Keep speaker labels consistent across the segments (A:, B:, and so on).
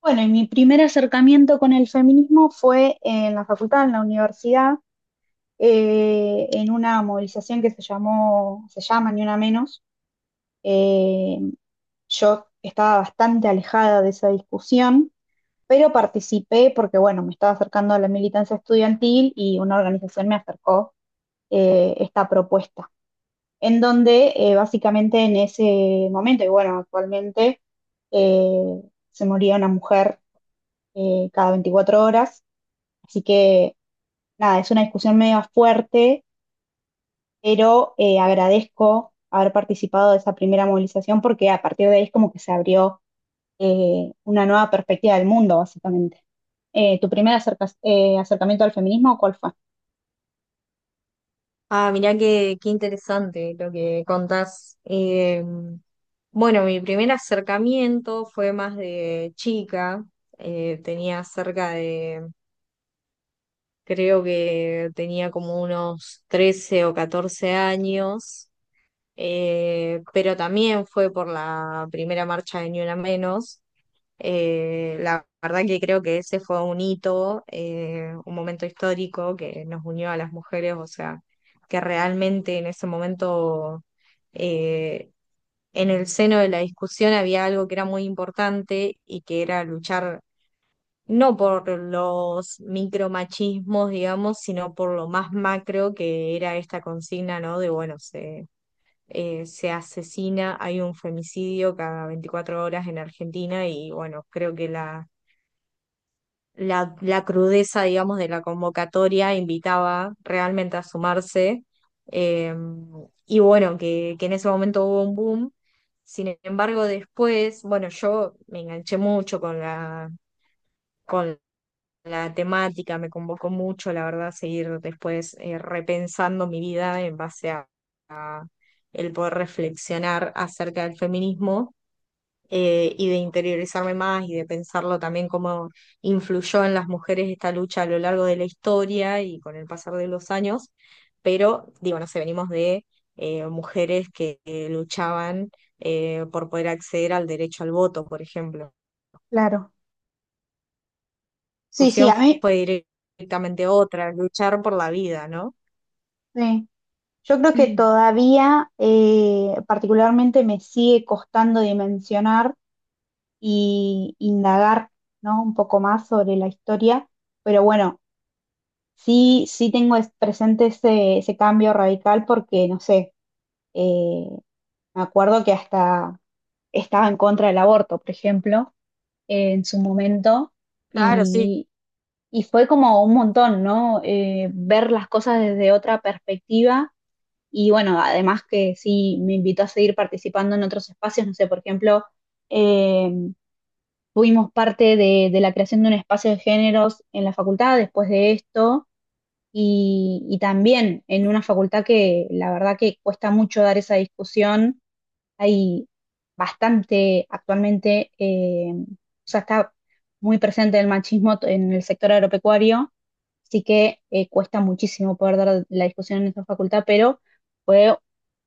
A: Bueno, y mi primer acercamiento con el feminismo fue en la facultad, en la universidad, en una movilización que se llama Ni Una Menos. Eh, yo estaba bastante alejada de esa discusión, pero participé porque, bueno, me estaba acercando a la militancia estudiantil y una organización me acercó esta propuesta, en donde básicamente en ese momento, y bueno, actualmente eh, se moría una mujer cada 24 horas. Así que nada, es una discusión medio fuerte, pero agradezco haber participado de esa primera movilización porque a partir de ahí es como que se abrió una nueva perspectiva del mundo, básicamente. ¿Tu primer acercamiento al feminismo, cuál fue?
B: Ah, mirá qué interesante lo que contás. Bueno, mi primer acercamiento fue más de chica. Eh, tenía cerca de, creo que tenía como unos 13 o 14 años. Pero también fue por la primera marcha de Ni Una Menos. La verdad que creo que ese fue un hito, un momento histórico que nos unió a las mujeres, o sea, que realmente en ese momento, eh, en el seno de la discusión había algo que era muy importante y que era luchar no por los micromachismos, digamos, sino por lo más macro que era esta consigna, ¿no? De, bueno, se asesina, hay un femicidio cada 24 horas en Argentina. Y bueno, creo que la crudeza, digamos, de la convocatoria invitaba realmente a sumarse. eh, y bueno, que en ese momento hubo un boom. Sin embargo, después, bueno, yo me enganché mucho con con la temática, me convocó mucho, la verdad, seguir después repensando mi vida en base a el poder reflexionar acerca del feminismo y de interiorizarme más y de pensarlo también cómo influyó en las mujeres esta lucha a lo largo de la historia y con el pasar de los años. Pero digo, no sé, venimos de mujeres que luchaban por poder acceder al derecho al voto, por ejemplo. La
A: Claro. Sí, sí, a
B: discusión
A: mí,
B: fue directamente otra, luchar por la vida, ¿no?
A: eh, yo creo que todavía particularmente me sigue costando dimensionar y indagar, ¿no? Un poco más sobre la historia, pero bueno, sí, sí tengo presente ese cambio radical porque, no sé, eh, me acuerdo que hasta estaba en contra del aborto, por ejemplo, en su momento,
B: Claro, sí,
A: y, y fue como un montón, ¿no? Ver las cosas desde otra perspectiva y bueno, además que sí me invitó a seguir participando en otros espacios, no sé, por ejemplo, eh, fuimos parte de la creación de un espacio de géneros en la facultad después de esto y también en una facultad que la verdad que cuesta mucho dar esa discusión. Hay bastante actualmente, o sea, está muy presente el machismo en el sector agropecuario, así que cuesta muchísimo poder dar la discusión en esta facultad, pero fue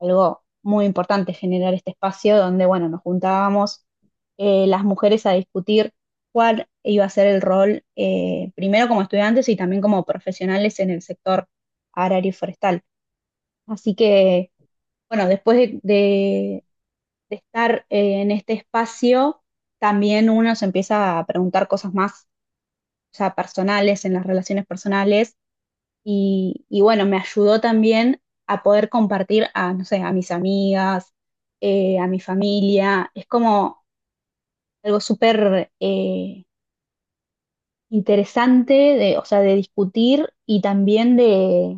A: algo muy importante generar este espacio donde, bueno, nos juntábamos las mujeres a discutir cuál iba a ser el rol, primero como estudiantes y también como profesionales en el sector agrario y forestal. Así que, bueno, después de estar en este espacio, también uno se empieza a preguntar cosas más, ya personales, en las relaciones personales. Y bueno, me ayudó también a poder compartir a, no sé, a mis amigas, a mi familia. Es como algo súper interesante, de, o sea, de discutir y también de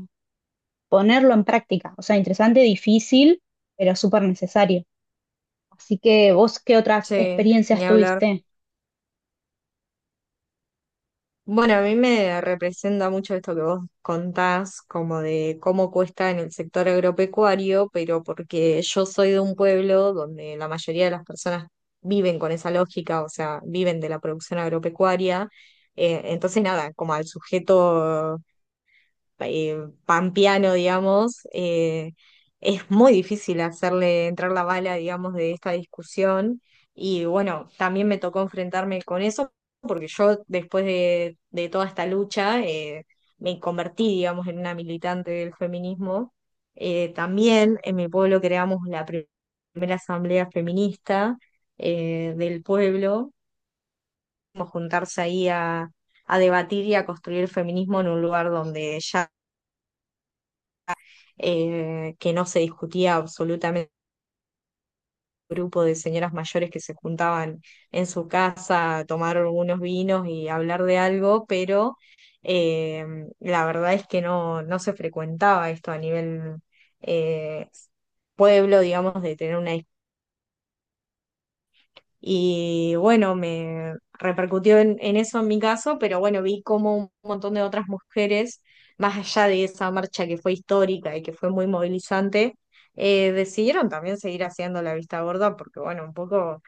A: ponerlo en práctica. O sea, interesante, difícil, pero súper necesario. Así que vos, ¿qué otras
B: sí, ni
A: experiencias
B: hablar.
A: tuviste?
B: Bueno, a mí me representa mucho esto que vos contás, como de cómo cuesta en el sector agropecuario, pero porque yo soy de un pueblo donde la mayoría de las personas viven con esa lógica, o sea, viven de la producción agropecuaria. Entonces, nada, como al sujeto eh, pampeano, digamos, es muy difícil hacerle entrar la bala, digamos, de esta discusión. Y bueno, también me tocó enfrentarme con eso, porque yo después de toda esta lucha me convertí, digamos, en una militante del feminismo. También en mi pueblo creamos la primera asamblea feminista del pueblo, como juntarse ahí a debatir y a construir feminismo en un lugar donde ya que no se discutía absolutamente grupo de señoras mayores que se juntaban en su casa a tomar unos vinos y hablar de algo. Pero eh, la verdad es que no, no se frecuentaba esto a nivel eh, pueblo, digamos, de tener una. Y bueno, me repercutió en, eso en mi caso, pero bueno, vi cómo un montón de otras mujeres, más allá de esa marcha que fue histórica y que fue muy movilizante, decidieron también seguir haciendo la vista gorda, porque bueno, un poco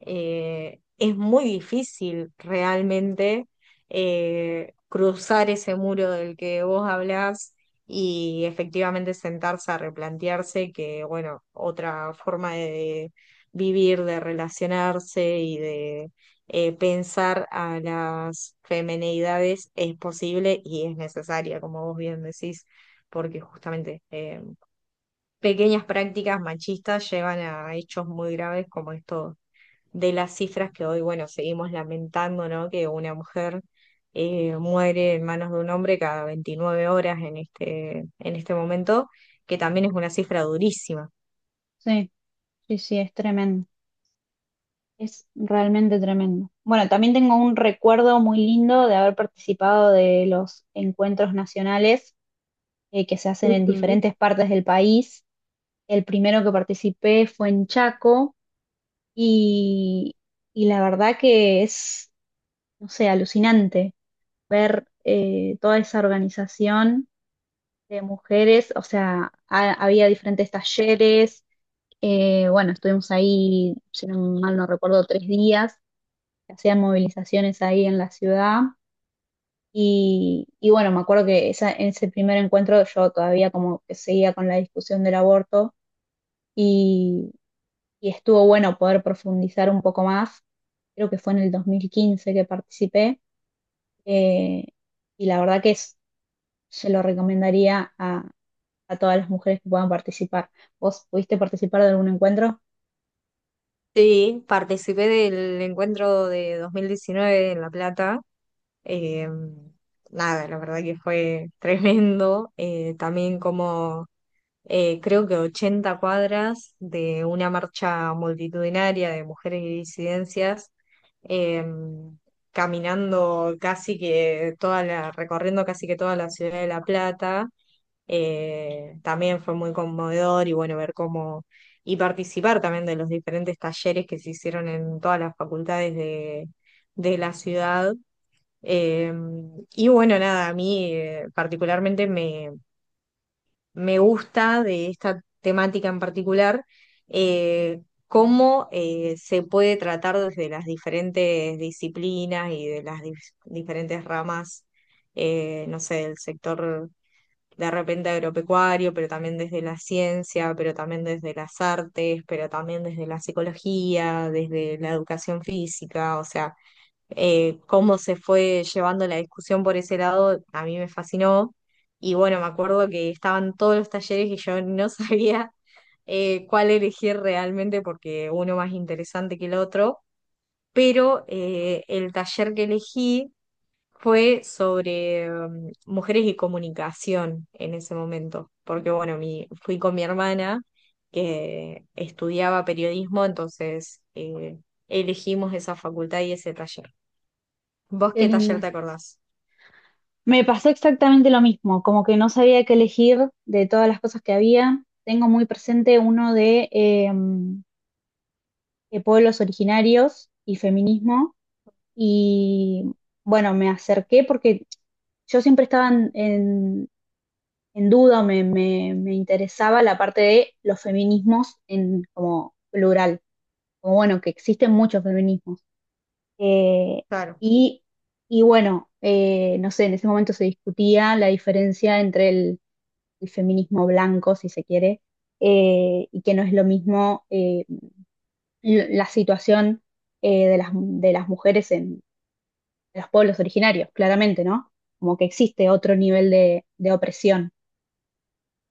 B: es muy difícil realmente cruzar ese muro del que vos hablás y efectivamente sentarse a replantearse que, bueno, otra forma de vivir, de relacionarse y de pensar a las femenidades es posible y es necesaria, como vos bien decís, porque justamente pequeñas prácticas machistas llevan a hechos muy graves como estos, de las cifras que hoy, bueno, seguimos lamentando, ¿no? Que una mujer muere en manos de un hombre cada 29 horas en este momento, que también es una cifra durísima.
A: Sí. Sí, sí, es tremendo, es realmente tremendo. Bueno, también tengo un recuerdo muy lindo de haber participado de los encuentros nacionales que se hacen en
B: Ujú.
A: diferentes partes del país. El primero que participé fue en Chaco y, y la verdad que es, no sé, alucinante ver toda esa organización de mujeres, o sea, había diferentes talleres, bueno, estuvimos ahí, si no mal no recuerdo, 3 días que hacían movilizaciones ahí en la ciudad. Y bueno, me acuerdo que esa, en ese primer encuentro yo todavía como que seguía con la discusión del aborto y, y estuvo bueno poder profundizar un poco más. Creo que fue en el 2015 que participé, eh, y la verdad que se lo recomendaría a todas las mujeres que puedan participar. ¿Vos pudiste participar de algún encuentro?
B: Sí, participé del encuentro de 2019 en La Plata. eh, Nada, la verdad que fue tremendo. También como creo que 80 cuadras de una marcha multitudinaria de mujeres y disidencias, eh, caminando casi que recorriendo casi que toda la ciudad de La Plata. También fue muy conmovedor y bueno, ver cómo, y participar también de los diferentes talleres que se hicieron en todas las facultades de la ciudad. Eh, y bueno, nada, a mí particularmente me gusta de esta temática en particular, eh, cómo se puede tratar desde las diferentes disciplinas y de las diferentes ramas, no sé, del sector de repente agropecuario, pero también desde la ciencia, pero también desde las artes, pero también desde la psicología, desde la educación física, o sea cómo se fue llevando la discusión por ese lado, a mí me fascinó. Y bueno, me acuerdo que estaban todos los talleres y yo no sabía cuál elegir realmente porque uno más interesante que el otro, pero el taller que elegí fue sobre mujeres y comunicación en ese momento, porque bueno, fui con mi hermana que estudiaba periodismo, entonces elegimos esa facultad y ese taller. ¿Vos
A: Qué
B: qué taller
A: lindo.
B: te acordás?
A: Me pasó exactamente lo mismo, como que no sabía qué elegir de todas las cosas que había. Tengo muy presente uno de pueblos originarios y feminismo. Y bueno, me acerqué porque yo siempre estaba en duda, me interesaba la parte de los feminismos en como plural, como bueno, que existen muchos feminismos. Eh,
B: Claro.
A: y, y bueno, no sé, en ese momento se discutía la diferencia entre el feminismo blanco, si se quiere, y que no es lo mismo la situación de las mujeres en los pueblos originarios, claramente, ¿no? Como que existe otro nivel de opresión.